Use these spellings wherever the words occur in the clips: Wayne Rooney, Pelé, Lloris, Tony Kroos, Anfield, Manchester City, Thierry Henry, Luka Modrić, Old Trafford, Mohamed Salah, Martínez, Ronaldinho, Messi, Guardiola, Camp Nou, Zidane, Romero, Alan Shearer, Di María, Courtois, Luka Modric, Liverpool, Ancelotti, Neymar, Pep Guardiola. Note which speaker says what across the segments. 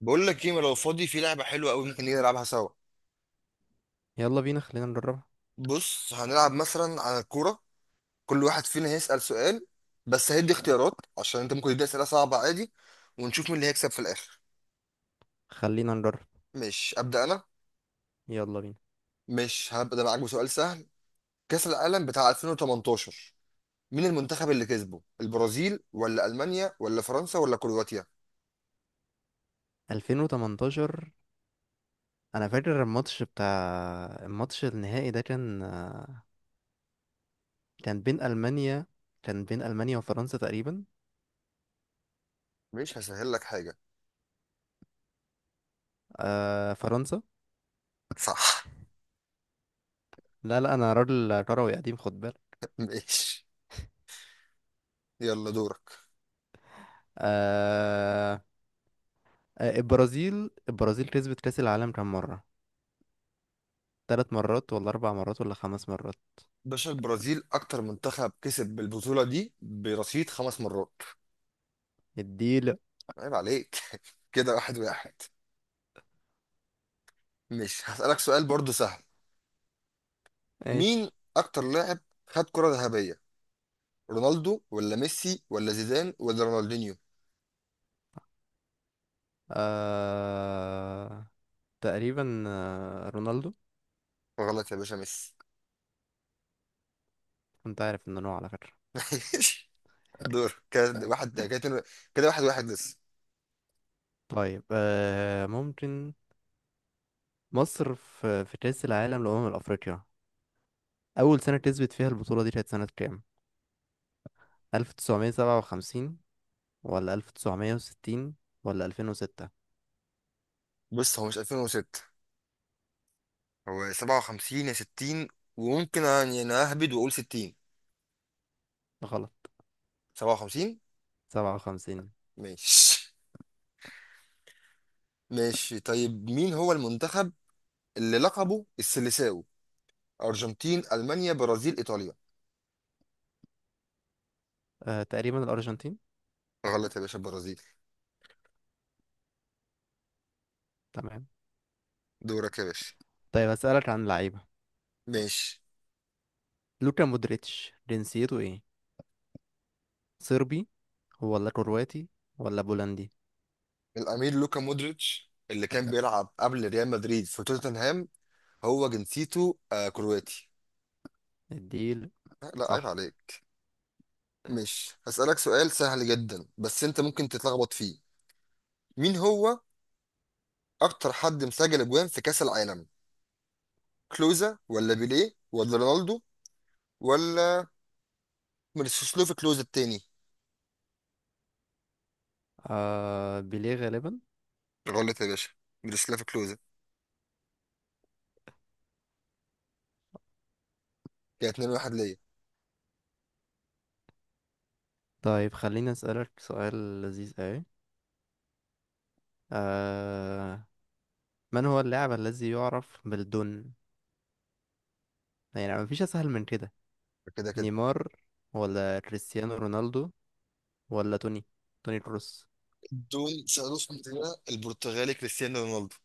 Speaker 1: بقول لك ايه، ما لو فاضي في لعبه حلوه قوي ممكن نيجي نلعبها سوا.
Speaker 2: يلا بينا، خلينا نجربها.
Speaker 1: بص هنلعب مثلا على الكوره. كل واحد فينا هيسال سؤال بس هيدي اختيارات، عشان انت ممكن تدي اسئله صعبه عادي. ونشوف مين اللي هيكسب في الاخر.
Speaker 2: خلينا نجرب.
Speaker 1: مش ابدا انا.
Speaker 2: يلا بينا.
Speaker 1: مش هبدا معاك بسؤال سهل. كاس العالم بتاع 2018، مين المنتخب اللي كسبه؟ البرازيل ولا المانيا ولا فرنسا ولا كرواتيا؟
Speaker 2: 2018. انا فاكر الماتش النهائي ده، كان بين المانيا كان بين المانيا وفرنسا تقريبا.
Speaker 1: مش هسهل لك حاجه.
Speaker 2: آه، فرنسا.
Speaker 1: صح.
Speaker 2: لا لا، انا راجل كروي قديم، خد بالك.
Speaker 1: ماشي، يلا دورك.
Speaker 2: آه. البرازيل كسبت كاس العالم كام مره؟ 3 مرات ولا 4 مرات ولا 5 مرات؟
Speaker 1: باشا، البرازيل اكتر منتخب كسب بالبطوله دي برصيد خمس مرات.
Speaker 2: اديله.
Speaker 1: عيب عليك. كده واحد واحد. مش هسألك سؤال برضو سهل. مين
Speaker 2: ماشي.
Speaker 1: أكتر لاعب خد كرة ذهبية؟ رونالدو ولا ميسي ولا زيدان ولا رونالدينيو؟
Speaker 2: آه تقريبا، رونالدو.
Speaker 1: غلط يا باشا، ميسي.
Speaker 2: كنت عارف ان هو، على فكرة.
Speaker 1: ماشي، دور. كده واحد كده كده واحد واحد لسه.
Speaker 2: طيب، ممكن. مصر في كأس العالم لأمم أفريقيا، أول سنة كسبت فيها البطولة دي كانت سنة كام؟ 1957 ولا 1960 ولا 2006؟
Speaker 1: بص، هو مش 2006، هو 57 يا 60. وممكن يعني أنا أهبد وأقول 60.
Speaker 2: غلط.
Speaker 1: 57.
Speaker 2: 57.
Speaker 1: ماشي. ماشي، طيب مين هو المنتخب اللي لقبه السيليساو؟ أرجنتين، ألمانيا، برازيل، إيطاليا؟
Speaker 2: تقريبا الأرجنتين.
Speaker 1: غلط يا باشا، البرازيل.
Speaker 2: تمام.
Speaker 1: دورك يا باشا.
Speaker 2: طيب، هسألك عن اللعيبة.
Speaker 1: ماشي.
Speaker 2: لوكا مودريتش جنسيته إيه؟ صربي ولا كرواتي ولا بولندي؟
Speaker 1: الأمير لوكا مودريتش اللي كان بيلعب قبل ريال مدريد في توتنهام، هو جنسيته آه كرواتي.
Speaker 2: الديل.
Speaker 1: لا، عيب
Speaker 2: صح.
Speaker 1: عليك. مش هسألك سؤال سهل جدا بس أنت ممكن تتلخبط فيه. مين هو أكتر حد مسجل أجوان في كأس العالم؟ كلوزا ولا بيليه ولا رونالدو ولا ميروسلاف كلوزا التاني؟
Speaker 2: بيليه غالبا.
Speaker 1: غلط يا باشا، ميروسلاف كلوزا. كده 2 1 ليا.
Speaker 2: طيب، خليني أسألك سؤال لذيذ أوي. آه. من هو اللاعب الذي يعرف بالدون؟ يعني مفيش اسهل من كده.
Speaker 1: كده كده.
Speaker 2: نيمار ولا كريستيانو رونالدو ولا توني كروس؟
Speaker 1: دون سألوش من؟ البرتغالي كريستيانو رونالدو.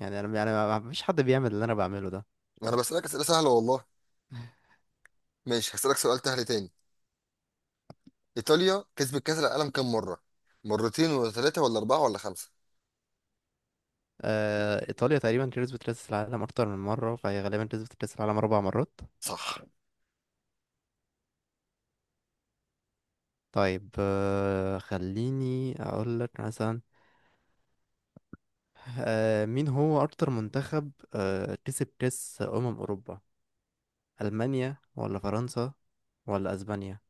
Speaker 2: يعني انا، يعني ما فيش حد بيعمل اللي انا بعمله ده.
Speaker 1: انا بسألك أسئلة سهلة والله. ماشي، هسألك سؤال سهل تاني. إيطاليا كسبت كأس العالم كام مرة؟ مرتين ولا ثلاثة ولا أربعة ولا خمسة؟
Speaker 2: ايطاليا تقريبا كسبت كاس العالم اكتر من مره، فهي غالبا كسبت كاس العالم 4 مرات.
Speaker 1: صح.
Speaker 2: طيب، خليني اقول لك مثلا. مين هو اكتر منتخب كسب كاس اوروبا؟ المانيا ولا فرنسا ولا اسبانيا؟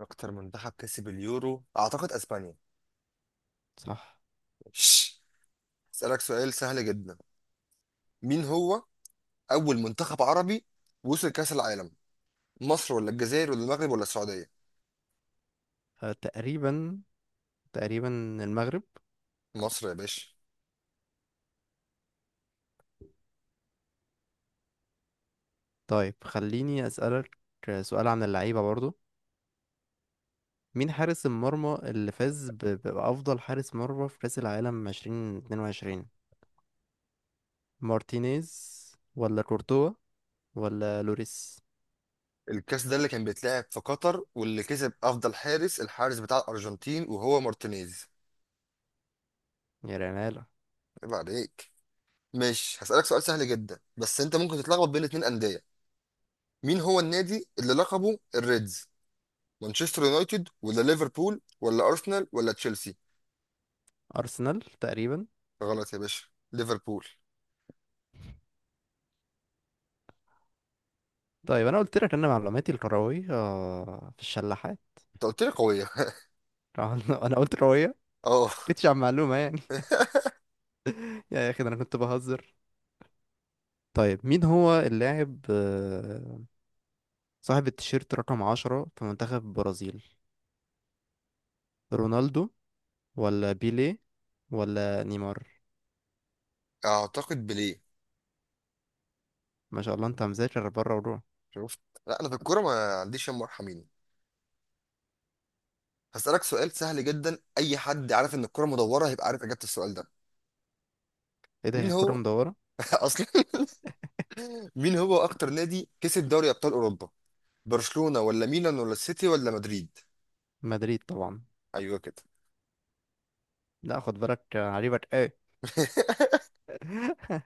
Speaker 1: اكتر منتخب كسب اليورو اعتقد اسبانيا.
Speaker 2: صح.
Speaker 1: شش. أسألك سؤال سهل جدا. مين هو أول منتخب عربي وصل كأس العالم؟ مصر ولا الجزائر ولا المغرب ولا السعودية؟
Speaker 2: آه تقريبا تقريبا المغرب.
Speaker 1: مصر يا باشا.
Speaker 2: طيب، خليني أسألك سؤال عن اللعيبة برضو. مين حارس المرمى اللي فاز بأفضل حارس مرمى في كأس العالم 2022؟ مارتينيز ولا كورتوا ولا لوريس؟
Speaker 1: الكأس ده اللي كان بيتلعب في قطر واللي كسب أفضل حارس، الحارس بتاع الأرجنتين وهو مارتينيز.
Speaker 2: يا ريال.
Speaker 1: عيب عليك. ماشي، هسألك سؤال سهل جدا بس أنت ممكن تتلخبط بين اتنين أندية. مين هو النادي اللي لقبه الريدز؟ مانشستر يونايتد ولا ليفربول ولا ارسنال ولا تشيلسي؟
Speaker 2: أرسنال تقريبا.
Speaker 1: غلط يا باشا، ليفربول.
Speaker 2: طيب، أنا قلت لك أن معلوماتي الكروية في الشلاحات.
Speaker 1: انت قلت لي قويه.
Speaker 2: أنا قلت كروية،
Speaker 1: اه.
Speaker 2: مكنتش عن معلومة يعني. يا أخي، ده أنا كنت بهزر. طيب، مين هو اللاعب، صاحب التيشيرت رقم 10 في منتخب البرازيل؟ رونالدو ولا بيليه ولا نيمار؟
Speaker 1: اعتقد بليه.
Speaker 2: ما شاء الله، انت مذاكر بره وروح.
Speaker 1: شفت؟ لا، انا في الكوره ما عنديش يا مرحمين. هسألك سؤال سهل جدا، اي حد عارف ان الكوره مدوره هيبقى عارف اجابه السؤال ده.
Speaker 2: ايه ده، هي
Speaker 1: مين
Speaker 2: الكرة
Speaker 1: هو
Speaker 2: مدورة؟
Speaker 1: اصلا مين هو اكتر نادي كسب دوري ابطال اوروبا؟ برشلونه ولا ميلان ولا السيتي ولا مدريد؟
Speaker 2: مدريد طبعا.
Speaker 1: ايوه كده.
Speaker 2: لا، خد بالك، عجيبك ايه؟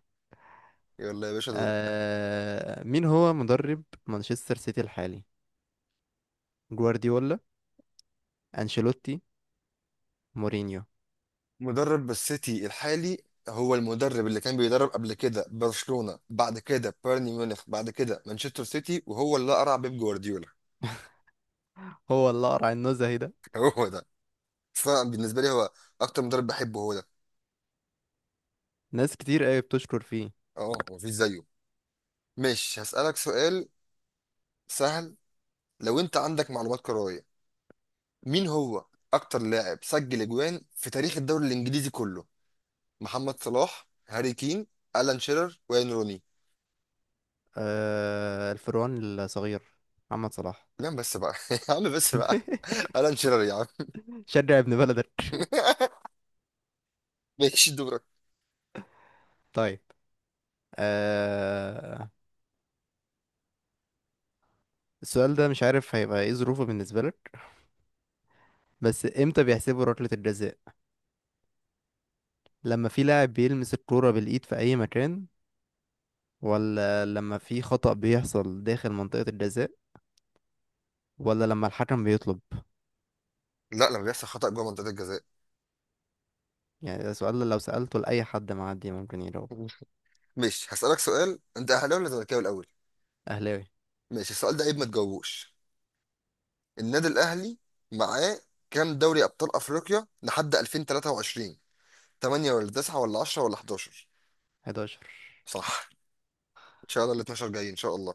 Speaker 1: يلا يا باشا، دورك.
Speaker 2: مين هو مدرب مانشستر سيتي الحالي؟ جوارديولا؟ انشيلوتي؟ مورينيو؟
Speaker 1: مدرب السيتي الحالي هو المدرب اللي كان بيدرب قبل كده برشلونة، بعد كده بايرن ميونخ، بعد كده مانشستر سيتي، وهو اللي قرع بيب جوارديولا.
Speaker 2: هو اللي قرع النزهة ده.
Speaker 1: هو ده. فبالنسبة لي هو أكتر مدرب بحبه هو ده.
Speaker 2: ناس كتير قوي بتشكر فيه.
Speaker 1: اه مفيش زيه. ماشي، هسألك سؤال سهل. لو أنت عندك معلومات كروية، مين هو أكتر لاعب سجل أجوان في تاريخ الدوري الإنجليزي كله؟ محمد صلاح، هاري كين، ألان شيرر، وين روني؟
Speaker 2: الفروان الصغير، محمد صلاح.
Speaker 1: لا بس بقى يا عم بس بقى. ألان شيرر يا عم.
Speaker 2: شجع ابن بلدك.
Speaker 1: ماشي، دور.
Speaker 2: طيب، آه السؤال ده مش عارف هيبقى ايه ظروفه بالنسبة لك، بس امتى بيحسبوا ركلة الجزاء؟ لما في لاعب بيلمس الكورة بالإيد في أي مكان، ولا لما في خطأ بيحصل داخل منطقة الجزاء، ولا لما الحكم بيطلب؟
Speaker 1: لا، لما بيحصل خطأ جوه منطقة الجزاء.
Speaker 2: يعني ده سؤال لو سألته لأي حد معدي ممكن يجاوبه.
Speaker 1: ماشي، هسألك سؤال. انت اهلاوي ولا زملكاوي الاول؟
Speaker 2: أهلاوي.
Speaker 1: ماشي، السؤال ده عيب ما تجاوبوش. النادي الاهلي معاه كام دوري ابطال افريقيا لحد 2023؟ 8 ولا 9 ولا 10 ولا 11؟
Speaker 2: 11.
Speaker 1: صح. ان شاء الله ال 12 جايين ان شاء الله.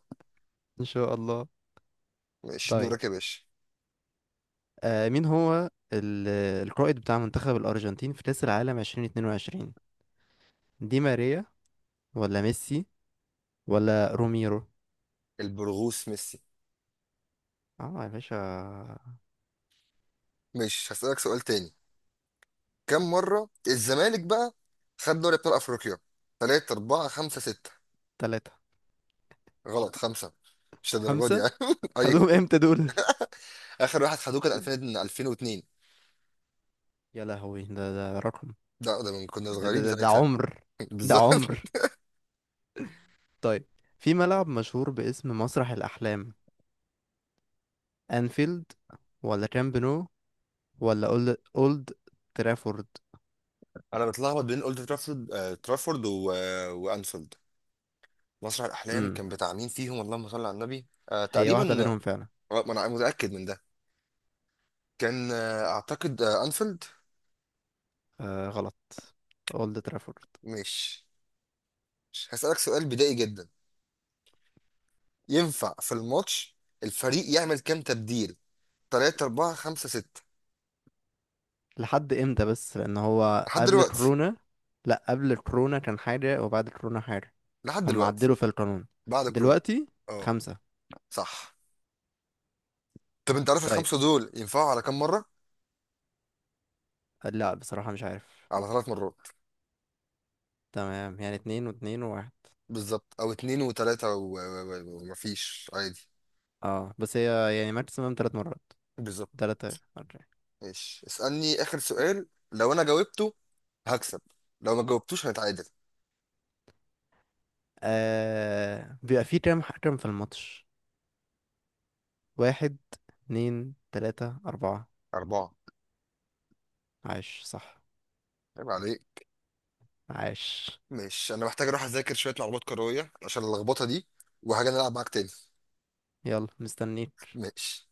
Speaker 2: إن شاء الله.
Speaker 1: ماشي
Speaker 2: طيب،
Speaker 1: دورك يا باشا.
Speaker 2: مين هو القائد بتاع منتخب الأرجنتين في كأس العالم 2022؟ دي ماريا ولا ميسي ولا روميرو؟
Speaker 1: البرغوث ميسي.
Speaker 2: اه يا باشا.
Speaker 1: ماشي، هسألك سؤال تاني. كم مرة الزمالك بقى خد دوري ابطال افريقيا؟ 3 4 5 6؟
Speaker 2: تلاتة.
Speaker 1: غلط، 5. مش للدرجة دي
Speaker 2: خمسة.
Speaker 1: يعني. أي-
Speaker 2: خدوهم امتى دول؟
Speaker 1: اخر واحد خدوه كان 2000 2002.
Speaker 2: يا لهوي، ده رقم.
Speaker 1: لا ده من كنا
Speaker 2: ده, ده,
Speaker 1: صغيرين
Speaker 2: ده ده
Speaker 1: ساعتها.
Speaker 2: عمر. ده
Speaker 1: بالظبط.
Speaker 2: عمر. طيب، في ملعب مشهور باسم مسرح الأحلام: أنفيلد ولا كامب نو ولا أولد ترافورد؟
Speaker 1: انا بتلخبط بين اولد ترافورد، آه ترافورد، آه وانفيلد. مسرح الاحلام
Speaker 2: امم.
Speaker 1: كان بتاع مين فيهم؟ اللهم صل على النبي. آه
Speaker 2: هي واحدة
Speaker 1: تقريبا.
Speaker 2: بينهم فعلا.
Speaker 1: آه، ما انا متاكد من ده. كان آه اعتقد آه انفيلد.
Speaker 2: غلط، أولد ترافورد.
Speaker 1: مش مش هسالك سؤال بدائي جدا. ينفع في الماتش الفريق يعمل كام تبديل؟ 3 4 5 6؟
Speaker 2: لحد إمتى؟ بس لأن هو
Speaker 1: لحد
Speaker 2: قبل
Speaker 1: دلوقتي.
Speaker 2: كورونا. لأ، قبل كورونا كان حاجة وبعد كورونا حاجة.
Speaker 1: لحد
Speaker 2: هم
Speaker 1: دلوقتي.
Speaker 2: عدلوا في القانون
Speaker 1: بعد كورونا.
Speaker 2: دلوقتي.
Speaker 1: اه.
Speaker 2: خمسة.
Speaker 1: صح. طب انت عارف
Speaker 2: طيب.
Speaker 1: الخمسه دول ينفعوا على كام مره؟
Speaker 2: لأ، بصراحة مش عارف.
Speaker 1: على ثلاث مرات.
Speaker 2: تمام، يعني اتنين واتنين وواحد.
Speaker 1: بالظبط، او اتنين وتلاتة ومفيش عادي.
Speaker 2: اه، بس هي يعني ماكسيمم 3 مرات.
Speaker 1: بالظبط.
Speaker 2: تلاتة، أربعة.
Speaker 1: ماشي، اسألني اخر سؤال، لو انا جاوبته هكسب، لو ما جاوبتوش هنتعادل.
Speaker 2: بيبقى فيه كام حكم في الماتش؟ واحد؟ اتنين؟ تلاتة؟ أربعة؟
Speaker 1: اربعة.
Speaker 2: عاش، صح.
Speaker 1: عيب عليك.
Speaker 2: عاش.
Speaker 1: ماشي، انا محتاج اروح اذاكر شوية معلومات كروية عشان اللخبطة دي، وهاجي نلعب معاك تاني.
Speaker 2: يلا، مستنيك.
Speaker 1: ماشي.